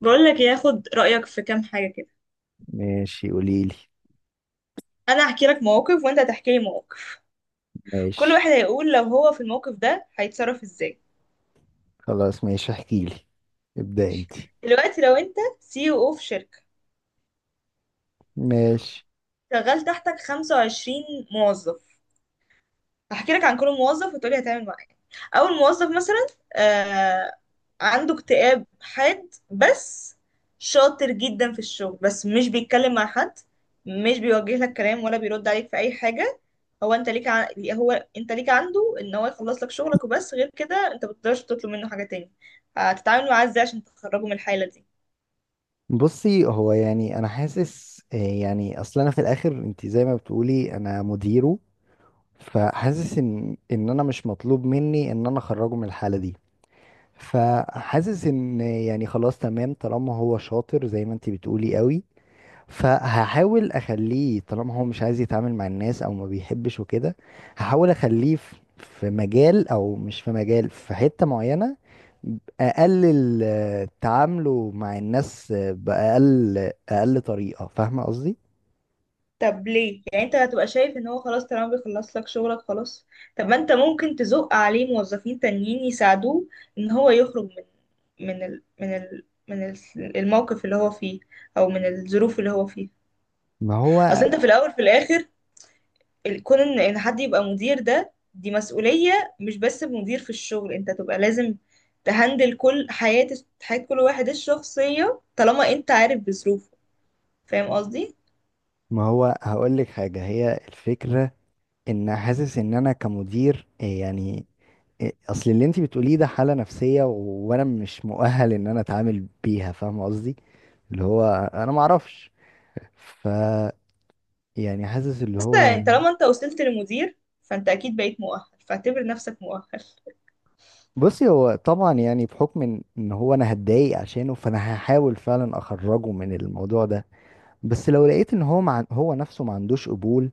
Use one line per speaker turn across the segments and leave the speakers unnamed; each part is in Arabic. بقول لك إيه، هاخد رأيك في كام حاجة كده.
ماشي، قوليلي.
انا هحكي لك مواقف وانت هتحكي لي مواقف. كل
ماشي.
واحد هيقول لو هو في الموقف ده هيتصرف ازاي.
خلاص ماشي، احكيلي. ابدأ انت.
دلوقتي لو انت سي او في شركة،
ماشي.
شغال تحتك 25 موظف. هحكي لك عن كل موظف وتقولي هتعمل، او الموظف مثلا آه عنده اكتئاب حاد، بس شاطر جدا في الشغل، بس مش بيتكلم مع حد، مش بيوجه لك كلام ولا بيرد عليك في اي حاجة. هو انت ليك عنده ان هو يخلص لك شغلك وبس، غير كده انت ما بتقدرش تطلب منه حاجة تاني. هتتعامل معاه ازاي عشان تخرجه من الحالة دي؟
بصي، هو يعني انا حاسس يعني اصل انا في الاخر انت زي ما بتقولي انا مديره. فحاسس ان انا مش مطلوب مني ان انا اخرجه من الحالة دي. فحاسس ان يعني خلاص تمام طالما هو شاطر زي ما انت بتقولي قوي. فهحاول اخليه طالما هو مش عايز يتعامل مع الناس او ما بيحبش وكده. هحاول اخليه في مجال او مش في مجال، في حتة معينة. اقلل تعامله مع الناس باقل اقل طريقة، فاهمة قصدي؟
طب ليه؟ يعني انت هتبقى شايف ان هو خلاص طالما بيخلص لك شغلك خلاص؟ طب ما انت ممكن تزق عليه موظفين تانيين يساعدوه ان هو يخرج من الموقف اللي هو فيه، او من الظروف اللي هو فيها.
ما
اصل
هو
انت في الاول في الاخر، كون ان حد يبقى مدير، ده دي مسؤولية. مش بس مدير في الشغل، انت تبقى لازم تهندل كل حياة حياة كل واحد الشخصية طالما انت عارف بظروفه، فاهم قصدي.
ما هو هقول لك حاجة، هي الفكرة ان حاسس ان انا كمدير يعني اصل اللي انت بتقوليه ده حالة نفسية وانا مش مؤهل ان انا اتعامل بيها، فاهمة قصدي؟ اللي هو انا ما اعرفش. ف، يعني حاسس اللي
بس
هو.
طالما انت وصلت لمدير، فانت اكيد بقيت مؤهل، فاعتبر نفسك مؤهل.
بصي هو طبعا يعني بحكم إن هو انا هتضايق عشانه، فانا هحاول فعلا اخرجه من الموضوع ده. بس لو لقيت ان هو مع هو نفسه ما عندوش قبول،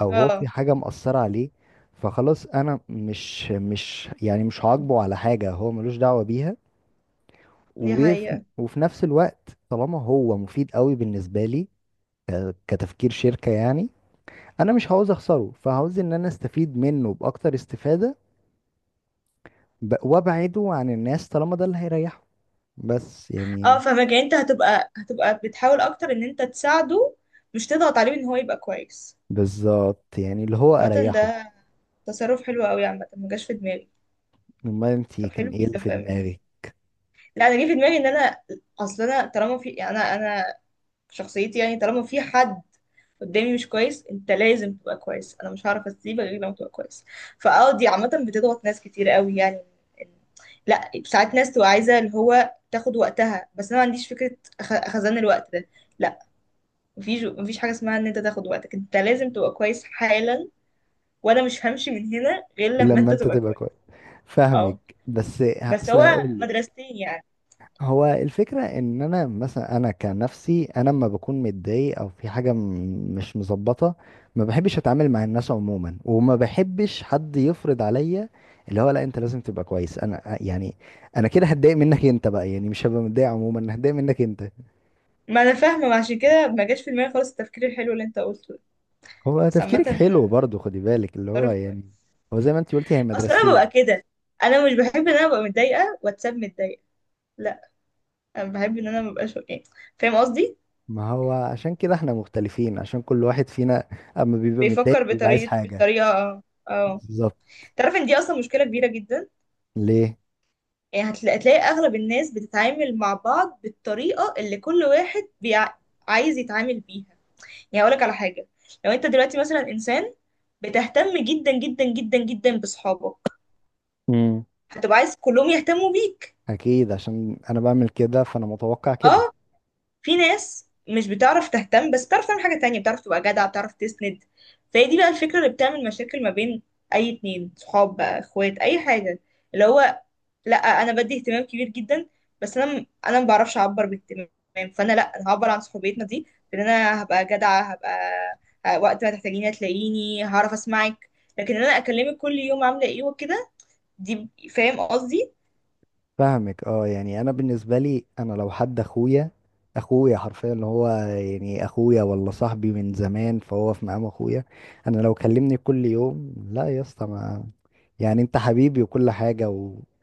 او هو
اه،
في حاجة مأثرة عليه، فخلاص انا مش يعني مش هعاقبه على حاجة هو ملوش دعوة بيها.
دي
وفي
حقيقة.
وفي نفس الوقت طالما هو مفيد قوي بالنسبة لي، كتفكير شركة يعني، انا مش عاوز اخسره، فعاوز ان انا استفيد منه باكتر استفادة. وابعده عن الناس طالما ده اللي هيريحه. بس
اه،
يعني.
فاهمك، يعني انت هتبقى بتحاول اكتر ان انت تساعده، مش تضغط عليه ان هو يبقى كويس.
بالظبط يعني اللي هو
عامة،
اريحه.
ده تصرف حلو قوي. عامة ما جاش في دماغي.
امال انت
طب
كان
حلو
ايه اللي
جدا،
في
فاهم.
دماغي؟
لا، انا جه في دماغي ان انا، اصل انا طالما في، يعني انا في شخصيتي يعني، طالما في حد قدامي مش كويس، انت لازم تبقى كويس، انا مش هعرف اسيبك غير لما تبقى كويس. فاه، دي عامه بتضغط ناس كتير قوي يعني. إن- لا، ساعات ناس تبقى عايزه اللي هو تاخد وقتها، بس انا ما عنديش فكره خزان الوقت ده. لا، مفيش حاجه اسمها ان انت تاخد وقتك، انت لازم تبقى كويس حالا، وانا مش همشي من هنا غير لما
لما
انت
انت
تبقى
تبقى
كويس.
كويس.
اه،
فاهمك. بس
بس
اصل
هو
هقول لك.
مدرستين يعني.
هو الفكره ان انا مثلا، انا كنفسي، انا لما بكون متضايق او في حاجه مش مظبطه، ما بحبش اتعامل مع الناس عموما، وما بحبش حد يفرض عليا اللي هو لا انت لازم تبقى كويس. انا يعني انا كده هتضايق منك انت بقى، يعني مش هبقى متضايق عموما، هتضايق منك انت.
ما انا فاهمه، ما عشان كده ما جاش في دماغي خالص التفكير الحلو اللي انت قلته ده.
هو
بس عامه،
تفكيرك حلو برضو خدي بالك، اللي هو
تصرف كويس.
يعني هو زي ما انت قلتي هي
اصل انا
مدرستين.
ببقى كده، انا مش بحب ان انا ابقى متضايقه واتساب متضايقه، لا، انا بحب ان انا مبقاش يعني، فاهم قصدي.
ما هو عشان كده احنا مختلفين، عشان كل واحد فينا اما بيبقى
بيفكر
متضايق بيبقى عايز
بطريقه
حاجة.
بالطريقه اه.
بالظبط.
تعرف ان دي اصلا مشكله كبيره جدا.
ليه؟
يعني هتلاقي اغلب الناس بتتعامل مع بعض بالطريقه اللي كل واحد عايز يتعامل بيها. يعني اقول لك على حاجه. لو انت دلوقتي مثلا انسان بتهتم جدا جدا جدا جدا بصحابك،
امم.
هتبقى عايز كلهم يهتموا بيك.
اكيد عشان انا بعمل كده فانا متوقع كده.
اه. في ناس مش بتعرف تهتم، بس بتعرف تعمل حاجة تانية، بتعرف تبقى جدع، بتعرف تسند. فهي دي بقى الفكرة اللي بتعمل مشاكل ما بين أي اتنين صحاب، بقى اخوات، أي حاجة، اللي هو لأ أنا بدي اهتمام كبير جدا، بس أنا ما بعرفش أعبر باهتمام، فأنا لأ، أنا هعبر عن صحوبيتنا دي بإن أنا هبقى جدعة، هبقى وقت ما تحتاجيني هتلاقيني، هعرف أسمعك، لكن إن أنا أكلمك كل يوم عاملة إيه وكده، دي فاهم قصدي؟
فاهمك. اه يعني انا بالنسبة لي، انا لو حد اخويا، اخويا حرفيا اللي هو يعني اخويا، ولا صاحبي من زمان فهو في مقام اخويا، انا لو كلمني كل يوم، لا يا اسطى ما، يعني انت حبيبي وكل حاجة.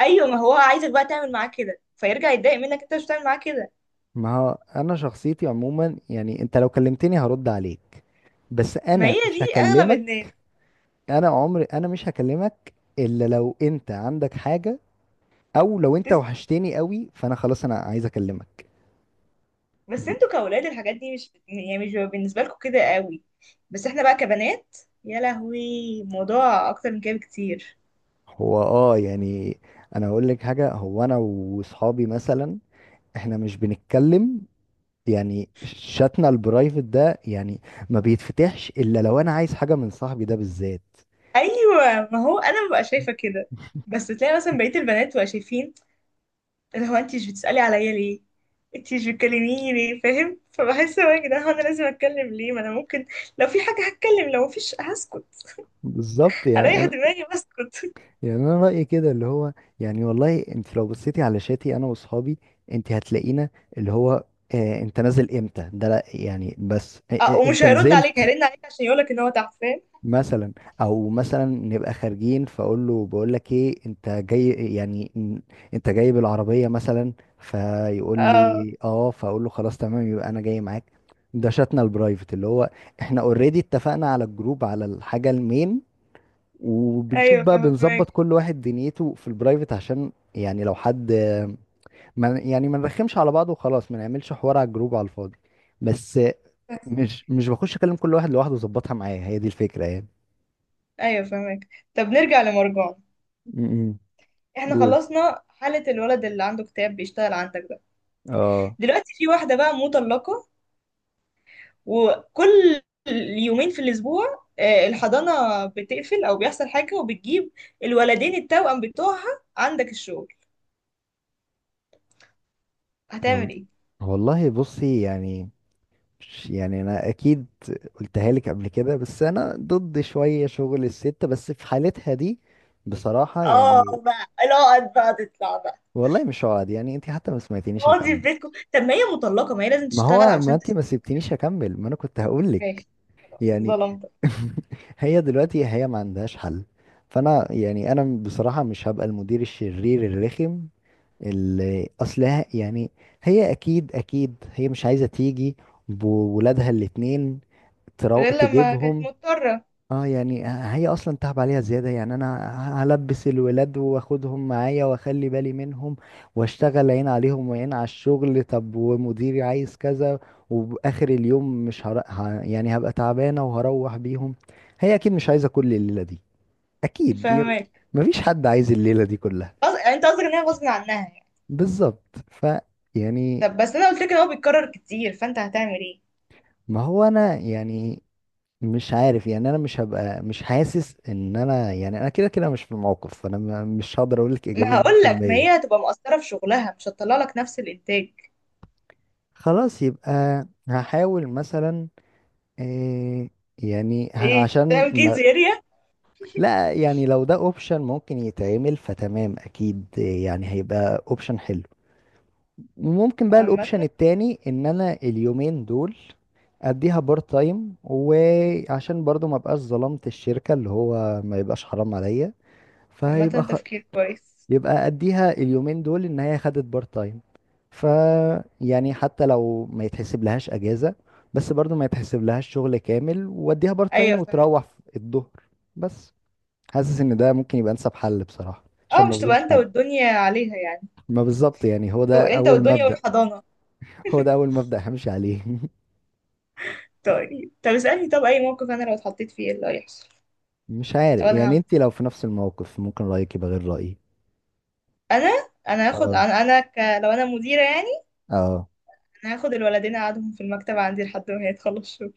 أيوة، ما هو عايزك بقى تعمل معاه كده فيرجع يتضايق منك أنت مش بتعمل معاه كده.
ما هو انا شخصيتي عموما يعني انت لو كلمتني هرد عليك، بس
ما
انا
هي
مش
دي اغلب
هكلمك.
الناس.
انا عمري انا مش هكلمك، الا لو انت عندك حاجة، او لو انت
تس...
وحشتني قوي فانا خلاص انا عايز اكلمك.
بس انتوا كاولاد الحاجات دي، مش يعني مش بيبقى بالنسبه لكم كده قوي، بس احنا بقى كبنات، يا لهوي، الموضوع اكتر من كده بكتير.
هو اه يعني انا اقول لك حاجة، هو انا واصحابي مثلا احنا مش بنتكلم، يعني شاتنا البرايفت ده يعني ما بيتفتحش الا لو انا عايز حاجة من صاحبي ده بالذات.
ايوه، ما هو انا ببقى شايفه كده. بس تلاقي مثلا بقيه البنات بقى شايفين اللي هو انت مش بتسالي عليا ليه، انت مش بتكلميني ليه، فاهم؟ فبحس هو، يا جدعان هو انا لازم اتكلم ليه؟ ما انا ممكن لو في حاجه هتكلم، لو مفيش هسكت،
بالظبط
هريح
يعني.
دماغي واسكت.
يعني انا رايي كده اللي هو، يعني والله انت لو بصيتي على شاتي انا واصحابي، انت هتلاقينا اللي هو، آه انت نازل امتى ده لا يعني بس آه
اه،
آه
ومش
انت
هيرد عليك،
نزلت
هيرن عليك عشان يقولك ان هو تحت، فاهم.
مثلا. او مثلا نبقى خارجين فاقول له بقول لك ايه، انت جاي يعني انت جاي بالعربيه مثلا، فيقول
اه،
لي اه، فاقول له خلاص تمام يبقى انا جاي معاك. ده شاتنا البرايفت اللي هو، احنا اوريدي اتفقنا على الجروب على الحاجه المين، وبنشوف
ايوه
بقى بنظبط
فاهمك،
كل واحد دنيته في البرايفت، عشان يعني لو حد ما يعني ما نرخمش على بعض، وخلاص ما نعملش حوار على الجروب على الفاضي بس. مش بخش اكلم كل واحد لوحده واظبطها معايا، هي دي الفكرة يعني.
ايوه فاهمك. طب نرجع لمرجان.
امم.
احنا
قول.
خلصنا حالة الولد اللي عنده اكتئاب بيشتغل عندك ده.
اه.
دلوقتي في واحدة بقى مطلقة، وكل يومين في الاسبوع الحضانة بتقفل او بيحصل حاجة، وبتجيب الولدين التوأم بتوعها عندك الشغل،
وال-
هتعمل ايه؟
والله بصي يعني. يعني انا اكيد قلتها لك قبل كده، بس انا ضد شوية شغل الست، بس في حالتها دي بصراحة
اه
يعني.
بقى، لا بقى، تطلع بقى
والله مش هقعد، يعني انت حتى ما سمعتنيش.
اقعدي في بيتكم، طب ما هي مطلقة، ما هي لازم
ما
تشتغل
هو ما انت ما سبتنيش اكمل، ما انا كنت هقول لك.
ماشي، خلاص
يعني
ظلمتك.
هي دلوقتي هي ما عندهاش حل، فانا يعني انا بصراحة مش هبقى المدير الشرير الرخم اللي اصلها يعني. هي اكيد اكيد هي مش عايزة تيجي بولادها الاتنين
غير لما كانت
تجيبهم.
مضطرة.
اه يعني هي اصلا تعب عليها زياده. يعني انا هلبس الولاد واخدهم معايا واخلي بالي منهم، واشتغل عين عليهم وعين على الشغل، طب ومديري عايز كذا، وباخر اليوم مش هر... ه... يعني هبقى تعبانه وهروح بيهم. هي اكيد مش عايزه كل الليله دي. اكيد دي.
فاهماك.
مفيش حد عايز الليله دي كلها.
يعني انت قصدك ان هي غصب عنها يعني.
بالظبط. ف، يعني.
طب بس انا قلت لك ان هو بيتكرر كتير، فانت هتعمل ايه؟
ما هو انا يعني مش عارف يعني انا مش هبقى، مش حاسس ان انا يعني انا كده كده مش في الموقف، فانا مش هقدر اقول لك
ما
اجابه
هقول لك، ما
100%.
هي هتبقى مقصره في شغلها، مش هتطلع لك نفس الانتاج.
خلاص يبقى هحاول مثلا إيه، يعني
ايه،
عشان
تعمل كيدز
ما.
اريا.
لا يعني لو ده اوبشن ممكن يتعمل فتمام اكيد يعني هيبقى اوبشن حلو. ممكن بقى
عامه
الاوبشن التاني ان انا اليومين دول اديها بارت تايم، وعشان برضو ما بقاش ظلمت الشركه اللي هو ما يبقاش حرام عليا.
عامه
فيبقى،
تفكير كويس.
يبقى اديها اليومين دول ان هي خدت بارت تايم. ف، يعني حتى لو ما يتحسب لهاش اجازة، بس برضو ما يتحسب لهاش شغل كامل، واديها بارت تايم
ايوه فاهم.
وتروح في الظهر بس. حاسس ان ده ممكن يبقى انسب حل بصراحة عشان
اه،
ما
مش تبقى
اظلمش
انت
حد.
والدنيا عليها يعني،
ما بالظبط يعني هو
أو
ده
انت
اول
والدنيا
مبدأ
والحضانه.
هو ده اول مبدأ همشي عليه
طيب طب اسالني. طب اي موقف انا لو اتحطيت فيه ايه اللي هيحصل؟
مش
طب
عارف
انا
يعني
هعمل
انت
إيه؟
لو في نفس الموقف ممكن رأيك يبقى غير رأيي.
انا انا هاخد،
اه.
لو انا مديره يعني.
اه.
انا هاخد الولدين اقعدهم في المكتب عندي لحد ما هي تخلص شغل.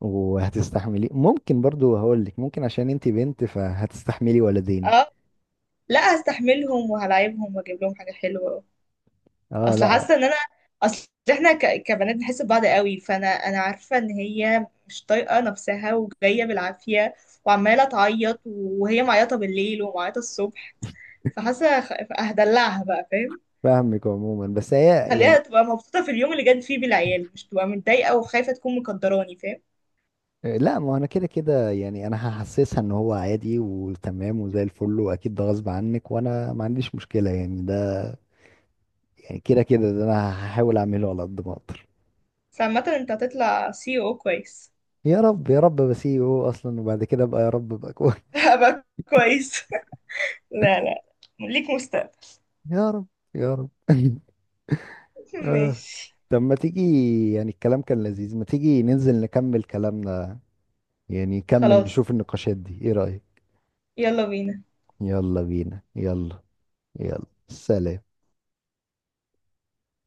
وهتستحملي؟ ممكن برضو هقول لك ممكن عشان انت بنت فهتستحملي ولدين.
اه، لا، هستحملهم وهلاعبهم واجيب لهم حاجه حلوه.
اه
اصل
لا.
حاسه ان انا، اصل احنا كبنات بنحس ببعض قوي، فانا عارفه ان هي مش طايقه نفسها وجايه بالعافيه، وعماله تعيط، وهي معيطه بالليل ومعيطه الصبح، فحاسه هدلعها بقى فاهم.
فاهمك عموما بس هي
خليها
يعني.
تبقى مبسوطه في اليوم اللي جت فيه بالعيال، مش تبقى متضايقه وخايفه تكون مقدراني فاهم.
لا ما انا كده كده يعني انا هحسسها ان هو عادي وتمام وزي الفل واكيد ده غصب عنك وانا ما عنديش مشكله يعني ده، يعني كده كده ده انا هحاول اعمله على قد ما اقدر.
بس عامه انت هتطلع سي او كويس.
يا رب يا رب بسيبه هو اصلا، وبعد كده بقى يا رب بقى كويس
هبقى كويس لا لا، ليك مستقبل.
يا رب يا رب آه.
ماشي،
طب ما تيجي، يعني الكلام كان لذيذ، ما تيجي ننزل نكمل كلامنا، يعني نكمل
خلاص،
نشوف النقاشات دي، ايه رايك؟
يلا بينا.
يلا بينا يلا. يلا سلام.